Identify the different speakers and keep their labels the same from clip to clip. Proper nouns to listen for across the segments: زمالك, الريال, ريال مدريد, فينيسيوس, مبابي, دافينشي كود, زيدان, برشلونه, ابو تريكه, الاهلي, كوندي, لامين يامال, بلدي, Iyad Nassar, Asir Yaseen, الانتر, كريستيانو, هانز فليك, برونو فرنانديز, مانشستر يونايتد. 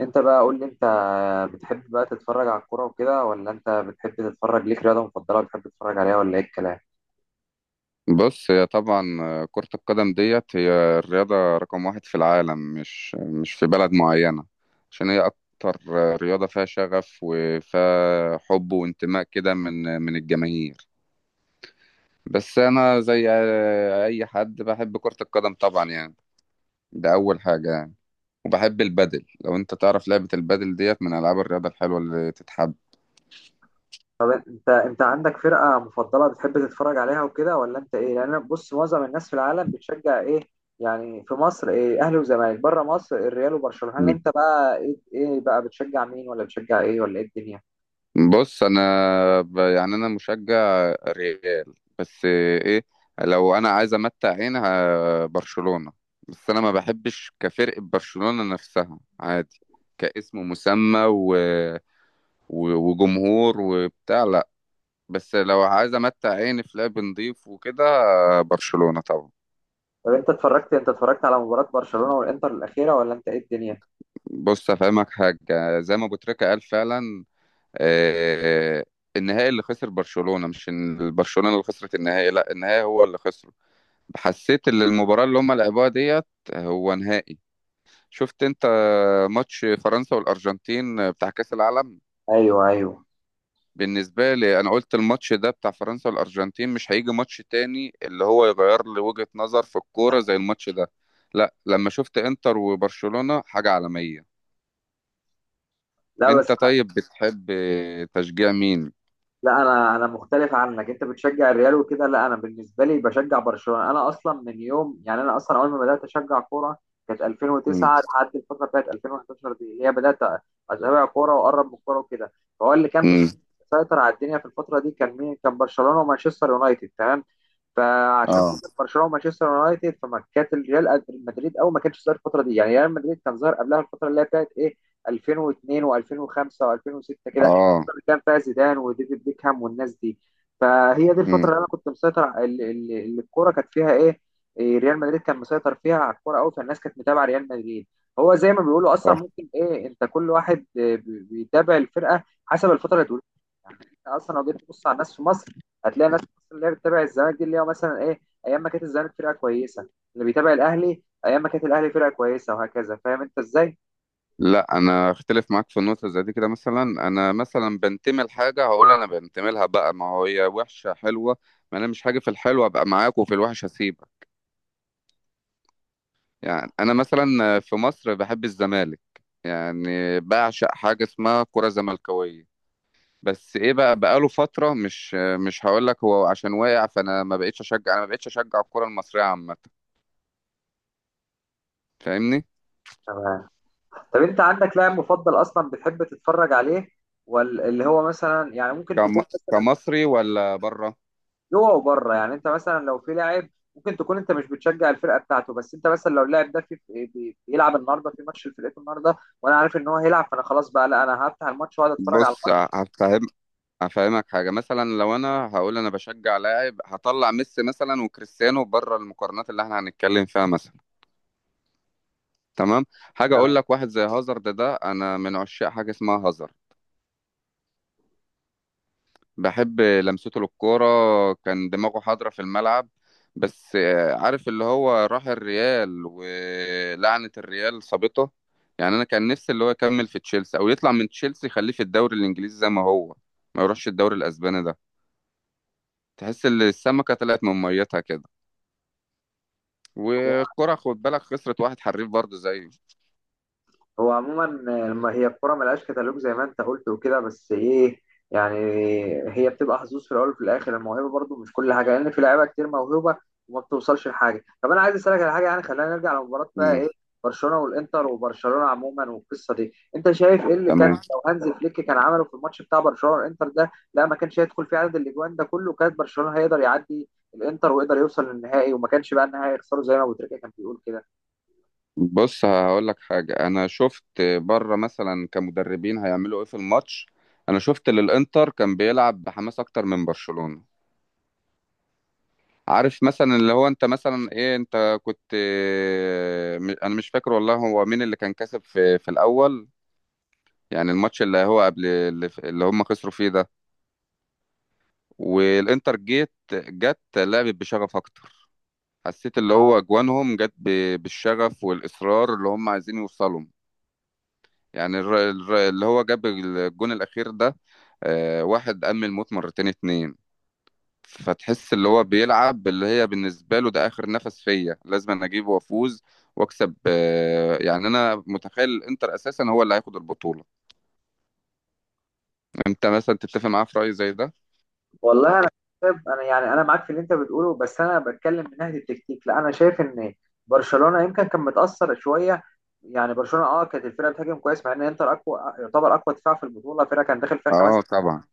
Speaker 1: انت بقى قول لي. انت بتحب بقى تتفرج على الكوره وكده، ولا انت بتحب تتفرج؟ ليك رياضه مفضله بتحب تتفرج عليها، ولا ايه الكلام؟
Speaker 2: بص هي طبعا كرة القدم ديت هي الرياضة رقم واحد في العالم، مش في بلد معينة. عشان هي أكتر رياضة فيها شغف وفيها حب وانتماء كده من الجماهير. بس أنا زي أي حد بحب كرة القدم طبعا، يعني ده أول حاجة. يعني وبحب البادل، لو أنت تعرف لعبة البادل ديت من ألعاب الرياضة الحلوة اللي تتحب.
Speaker 1: انت عندك فرقه مفضله بتحب تتفرج عليها وكده، ولا انت ايه؟ لان انا بص، معظم الناس في العالم بتشجع ايه؟ يعني في مصر، ايه؟ اهلي وزمالك، بره مصر الريال وبرشلونه. انت بقى ايه بقى بتشجع مين، ولا بتشجع ايه، ولا ايه الدنيا؟
Speaker 2: بص انا يعني انا مشجع ريال. بس ايه، لو انا عايز امتع برشلونة. بس انا ما بحبش كفرقة برشلونة نفسها، عادي، كاسم مسمى وجمهور وبتاع، لا. بس لو عايز امتع عيني في لعب نضيف وكده، برشلونة طبعا.
Speaker 1: طب انت اتفرجت على مباراه برشلونه والانتر الاخيره، ولا انت ايه الدنيا؟
Speaker 2: بص افهمك حاجة، زي ما ابو تريكة قال فعلا، آه، النهائي اللي خسر برشلونة، مش إن- برشلونة اللي خسرت النهائي، لا النهائي هو اللي خسر. حسيت ان المباراة اللي هم لعبوها ديت هو نهائي. شفت انت ماتش فرنسا والارجنتين بتاع كأس العالم؟
Speaker 1: ايوه ايوه.
Speaker 2: بالنسبة لي انا قلت الماتش ده بتاع فرنسا والارجنتين، مش هيجي ماتش تاني اللي هو يغير لي وجهة نظر في الكورة زي الماتش ده. لا لما شفت انتر وبرشلونة، حاجة عالمية.
Speaker 1: لا
Speaker 2: انت
Speaker 1: بس،
Speaker 2: طيب بتحب تشجيع مين؟
Speaker 1: لا انا مختلف عنك. انت بتشجع الريال وكده، لا انا بالنسبه لي بشجع برشلونه. انا اصلا من يوم، يعني انا اصلا اول ما بدات اشجع كوره كانت
Speaker 2: مم.
Speaker 1: 2009، لحد الفتره بتاعت 2011 دي اللي هي بدات اتابع كوره واقرب من الكوره وكده. فهو اللي كان
Speaker 2: مم.
Speaker 1: مسيطر على الدنيا في الفتره دي كان مين؟ كان برشلونه ومانشستر يونايتد، تمام؟ فعشان
Speaker 2: اه.
Speaker 1: خاطر برشلونه ومانشستر يونايتد، فما كانت ريال مدريد قوي، ما كانش ظاهر الفتره دي. يعني ريال مدريد كان ظاهر قبلها، الفتره اللي هي بتاعت ايه؟ 2002 و2005 و2006 كده،
Speaker 2: اه.
Speaker 1: الفتره اللي كان فيها زيدان وديفيد بيكهام والناس دي. فهي دي الفتره
Speaker 2: مم.
Speaker 1: اللي انا كنت مسيطر على- اللي اللي- اللي الكوره كانت فيها ايه؟ ريال مدريد كان مسيطر فيها على الكوره قوي، فالناس كانت متابعه ريال مدريد. هو زي ما بيقولوا اصلا، ممكن ايه، انت كل واحد بيتابع الفرقه حسب الفتره اللي تقول. يعني أنت اصلا لو جيت تبص على الناس في مصر، هتلاقي ناس مثلا اللي هي بتتابع الزمالك دي، اللي هي مثلا ايه، ايام ما كانت الزمالك فرقه كويسه. اللي بيتابع الاهلي ايام ما كانت الاهلي فرقه كويسه، وهكذا. فاهم انت ازاي؟
Speaker 2: لا انا اختلف معاك في النقطه زي دي كده. مثلا انا مثلا بنتمي لحاجه، هقول انا بنتمي لها بقى، ما هو هي وحشه حلوه. ما انا مش حاجه في الحلوه ابقى معاك وفي الوحش هسيبك. يعني انا مثلا في مصر بحب الزمالك، يعني بعشق حاجه اسمها كره زملكاويه. بس ايه بقى، بقاله فتره، مش هقول لك هو عشان واقع، فانا ما بقتش اشجع، انا ما بقتش اشجع الكره المصريه عامه. فاهمني؟
Speaker 1: تمام. طب انت عندك لاعب مفضل اصلا بتحب تتفرج عليه، واللي هو مثلا يعني ممكن
Speaker 2: كم-
Speaker 1: تكون مثلا
Speaker 2: كمصري ولا بره؟
Speaker 1: جوه وبره؟ يعني انت مثلا لو في لاعب، ممكن تكون انت مش بتشجع الفرقه بتاعته، بس انت مثلا لو اللاعب ده بيلعب النهارده في ماتش لفرقته النهارده، وانا عارف ان هو هيلعب، فانا خلاص بقى، لا انا هفتح الماتش واقعد اتفرج على
Speaker 2: بص
Speaker 1: الماتش.
Speaker 2: افهمك حاجه، مثلا لو انا هقول انا بشجع لاعب، هطلع ميسي مثلا وكريستيانو بره المقارنات اللي احنا هنتكلم فيها مثلا. تمام، حاجه اقول لك، واحد زي هازارد ده انا من عشاق حاجه اسمها هازارد. بحب لمسته للكوره، كان دماغه حاضره في الملعب. بس عارف اللي هو راح الريال ولعنه الريال صابته. يعني انا كان نفسي اللي هو يكمل في تشيلسي، او يطلع من تشيلسي يخليه في الدوري الانجليزي زي ما هو، ما يروحش الدوري الاسباني ده. تحس ان السمكه طلعت من ميتها كده،
Speaker 1: تمام.
Speaker 2: والكرة خد بالك خسرت واحد حريف برضه زيه.
Speaker 1: هو عموما لما هي الكرة ملهاش كتالوج زي ما انت قلت وكده، بس ايه، يعني هي بتبقى حظوظ في الاول، وفي الاخر الموهبه برضو مش كل حاجه، لان في لعيبه كتير موهوبه وما بتوصلش لحاجه. طب انا عايز اسالك على حاجه، يعني خلينا نرجع لمباراه بقى
Speaker 2: مم.
Speaker 1: ايه، برشلونه والانتر، وبرشلونه عموما والقصه دي. انت شايف ايه اللي كان
Speaker 2: تمام.
Speaker 1: لو هانز فليك كان عمله في الماتش بتاع برشلونه والانتر ده؟ لا ما كانش هيدخل فيه عدد الاجوان ده كله، كانت برشلونه هيقدر يعدي الانتر ويقدر يوصل للنهائي، وما كانش بقى النهائي يخسره زي ما ابو تريكه كان بيقول كده.
Speaker 2: بص هقول لك حاجة، أنا شفت بره مثلا كمدربين هيعملوا إيه في الماتش. أنا شفت اللي الإنتر كان بيلعب بحماس أكتر من برشلونة. عارف مثلا اللي هو أنت مثلا إيه، أنت كنت أنا مش فاكر والله هو مين اللي كان كسب في الأول، يعني الماتش اللي هو قبل اللي هم خسروا فيه ده. والإنتر جت لعبت بشغف أكتر. حسيت اللي هو اجوانهم جت بالشغف والاصرار، اللي هم عايزين يوصلوا. يعني اللي هو جاب الجون الاخير ده، واحد قام الموت مرتين اتنين. فتحس اللي هو بيلعب اللي هي بالنسبة له ده آخر نفس فيا، لازم أنا أجيبه وأفوز وأكسب. يعني أنا متخيل الإنتر أساسا هو اللي هياخد البطولة. أنت مثلا تتفق معاه في رأي زي ده؟
Speaker 1: والله انا شايف، انا يعني انا معاك في اللي انت بتقوله، بس انا بتكلم من ناحيه التكتيك. لا انا شايف ان برشلونه يمكن كان متاثر شويه. يعني برشلونه اه، كانت الفرقه بتهاجم كويس، مع ان انتر اقوى، يعتبر اقوى دفاع في البطوله، فرقه كان داخل فيها خمس.
Speaker 2: أه طبعا.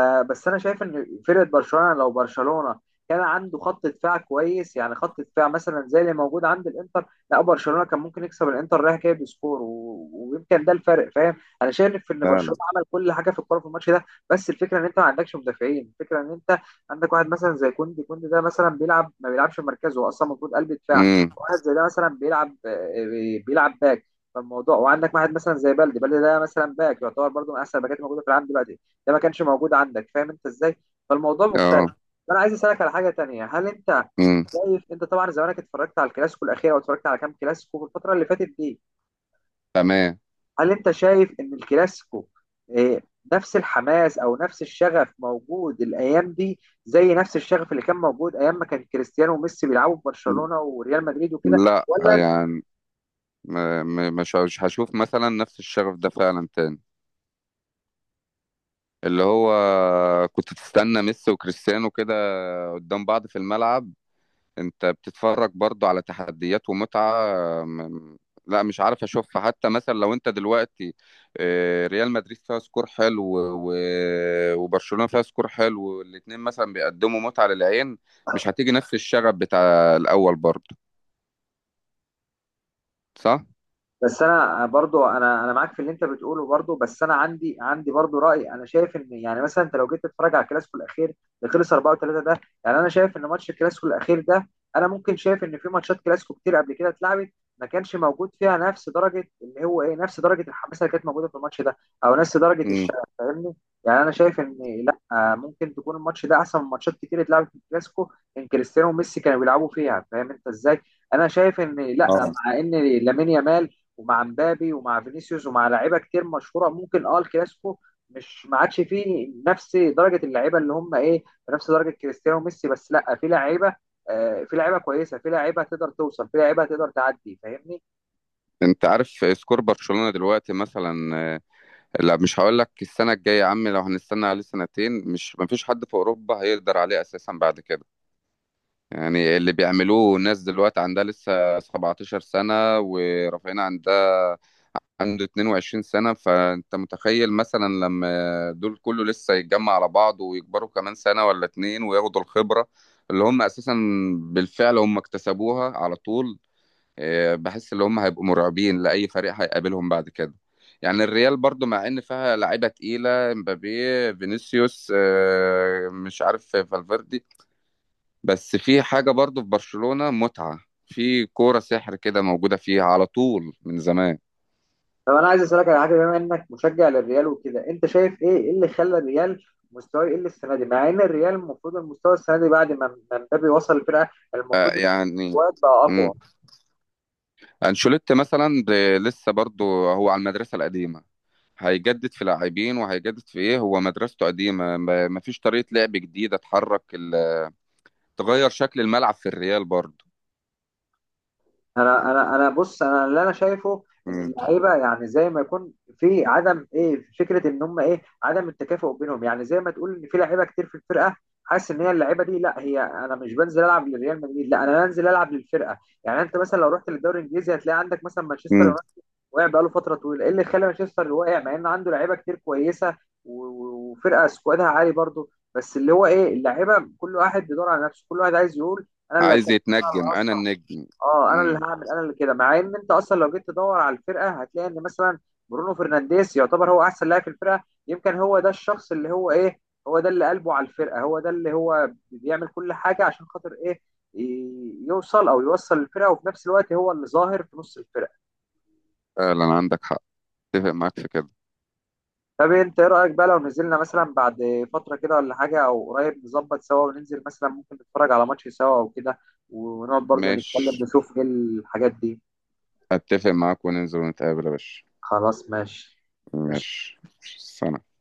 Speaker 1: بس انا شايف ان فرقه برشلونه، لو برشلونه كان عنده خط دفاع كويس، يعني خط دفاع مثلا زي اللي موجود عند الانتر، لا برشلونه كان ممكن يكسب الانتر رايح جاي بسكور، ويمكن ده الفرق، فاهم؟ انا شايف ان
Speaker 2: فعلا.
Speaker 1: برشلونه عمل كل حاجه في الكوره في الماتش ده. بس الفكره ان انت ما عندكش مدافعين. الفكره ان انت عندك واحد مثلا زي كوندي. كوندي ده مثلا بيلعب، ما بيلعبش في مركزه. هو اصلا المفروض قلب دفاع،
Speaker 2: امم.
Speaker 1: واحد زي ده مثلا بيلعب، بيلعب باك. فالموضوع، وعندك واحد مثلا زي بلدي. بلدي ده مثلا باك، يعتبر برضه من احسن الباكات الموجوده في العالم دلوقتي. ده ما كانش موجود عندك، فاهم انت ازاي؟ فالموضوع مختلف.
Speaker 2: أه.
Speaker 1: فانا عايز اسالك على حاجه تانية. هل انت
Speaker 2: امم.
Speaker 1: شايف، انت طبعا زمانك اتفرجت على الكلاسيكو الاخير، او اتفرجت على كام كلاسيكو في الفتره اللي فاتت دي؟
Speaker 2: تمام.
Speaker 1: هل انت شايف ان الكلاسيكو، اه، نفس الحماس او نفس الشغف موجود الايام دي، زي نفس الشغف اللي كان موجود ايام ما كان كريستيانو وميسي بيلعبوا في برشلونه وريال مدريد وكده،
Speaker 2: لا
Speaker 1: ولا؟
Speaker 2: يعني، مش هشوف مثلا نفس الشغف ده فعلا تاني. اللي هو كنت تستنى ميسي وكريستيانو كده قدام بعض في الملعب، انت بتتفرج برضو على تحديات ومتعة. م- لا مش عارف اشوفها حتى. مثلا لو انت دلوقتي ريال مدريد فيها سكور حلو وبرشلونة فيها سكور حلو، والاتنين مثلا بيقدموا متعة للعين، مش هتيجي نفس الشغف بتاع الأول برضو، صح؟
Speaker 1: بس انا برضو، انا انا معاك في اللي انت بتقوله برضو، بس انا عندي برضو راي. انا شايف ان، يعني مثلا انت لو جيت تتفرج على الكلاسيكو الاخير اللي خلص 4-3 ده، يعني انا شايف ان ماتش الكلاسيكو الاخير ده، انا ممكن شايف ان في ماتشات كلاسيكو كتير قبل كده اتلعبت ما كانش موجود فيها نفس درجه اللي هو ايه، نفس درجه الحماسه اللي كانت موجوده في الماتش ده، او نفس درجه
Speaker 2: مم.
Speaker 1: الشغف، فاهمني؟ يعني انا شايف ان لا، ممكن تكون الماتش ده احسن من ماتشات كتير اتلعبت في الكلاسيكو ان كريستيانو وميسي كانوا بيلعبوا فيها، فاهم انت ازاي؟ انا شايف ان لا،
Speaker 2: اه.
Speaker 1: مع ان لامين يامال، ومع مبابي، ومع فينيسيوس، ومع لعيبه كتير مشهوره، ممكن اه الكلاسيكو مش ما عادش فيه نفس درجه اللعيبه اللي هم ايه، نفس درجه كريستيانو وميسي، بس لا في لعيبه، في لعيبه كويسه، في لعيبه تقدر توصل، في لعيبه تقدر تعدي، فاهمني؟
Speaker 2: انت عارف سكور برشلونة دلوقتي مثلا لا مش هقول لك السنة الجاية يا عم، لو هنستنى عليه سنتين، مش مفيش حد في أوروبا هيقدر عليه أساسا بعد كده. يعني اللي بيعملوه ناس دلوقتي عندها لسه 17 سنة ورافعين، عندها عنده 22 سنة. فأنت متخيل مثلا لما دول كله لسه يتجمع على بعض، ويكبروا كمان سنة ولا اتنين، وياخدوا الخبرة اللي هم أساسا بالفعل هم اكتسبوها على طول، بحس ان هم هيبقوا مرعبين لاي فريق هيقابلهم بعد كده. يعني الريال برضو مع ان فيها لعيبه تقيله، مبابي، فينيسيوس، مش عارف، فالفيردي. بس في حاجه برضو في برشلونه متعه، في كوره سحر كده موجوده فيها على طول من زمان.
Speaker 1: طب انا عايز اسالك على حاجه، بما انك مشجع للريال وكده، انت شايف ايه، إيه اللي خلى الريال مستواه يقل السنه دي، مع ان الريال المفروض المستوى السنه دي بعد ما مبابي وصل الفرقه،
Speaker 2: آه،
Speaker 1: المفروض
Speaker 2: يعني
Speaker 1: المستوى بقى
Speaker 2: امم
Speaker 1: اقوى.
Speaker 2: انشيلوتي مثلا لسه برضو هو على المدرسه القديمه. هيجدد في لاعبين وهيجدد في ايه، هو مدرسته قديمه، ما فيش طريقه لعب جديده تحرك، تغير شكل الملعب في الريال برضه.
Speaker 1: انا بص، انا اللي انا شايفه، ان
Speaker 2: مم.
Speaker 1: اللعيبه يعني زي ما يكون في عدم ايه، فكره ان هم ايه، عدم التكافؤ بينهم. يعني زي ما تقول ان في لعيبه كتير في الفرقه، حاسس ان هي اللعيبه دي، لا هي انا مش بنزل العب لريال مدريد، لا انا بنزل العب للفرقه. يعني انت مثلا لو رحت للدوري الانجليزي، هتلاقي عندك مثلا مانشستر
Speaker 2: مم.
Speaker 1: يونايتد واقع بقاله فتره طويله. ايه اللي خلى مانشستر واقع مع ان عنده لعيبه كتير كويسه، وفرقه سكوادها عالي برضه؟ بس اللي هو ايه، اللعيبه كل واحد بيدور على نفسه، كل واحد عايز يقول انا اللي
Speaker 2: عايز
Speaker 1: هسجل،
Speaker 2: يتنجم، انا النجم.
Speaker 1: اه انا اللي
Speaker 2: مم.
Speaker 1: هعمل، انا اللي كده. مع ان انت اصلا لو جيت تدور على الفرقه، هتلاقي ان مثلا برونو فرنانديز يعتبر هو احسن لاعب في الفرقه. يمكن هو ده الشخص اللي هو ايه، هو ده اللي قلبه على الفرقه، هو ده اللي هو بيعمل كل حاجه عشان خاطر ايه، يوصل الفرقه، وفي نفس الوقت هو اللي ظاهر في نص الفرقه.
Speaker 2: فعلا عندك حق، اتفق معاك في كده.
Speaker 1: طب انت ايه رايك بقى لو نزلنا مثلا بعد فتره كده ولا حاجه، او قريب نظبط سوا وننزل، مثلا ممكن نتفرج على ماتش سوا او كده، ونقعد برضو نتكلم
Speaker 2: ماشي،
Speaker 1: نشوف ايه الحاجات دي؟
Speaker 2: اتفق معاك، وننزل ونتقابل يا باشا.
Speaker 1: خلاص ماشي.
Speaker 2: ماشي. سلام.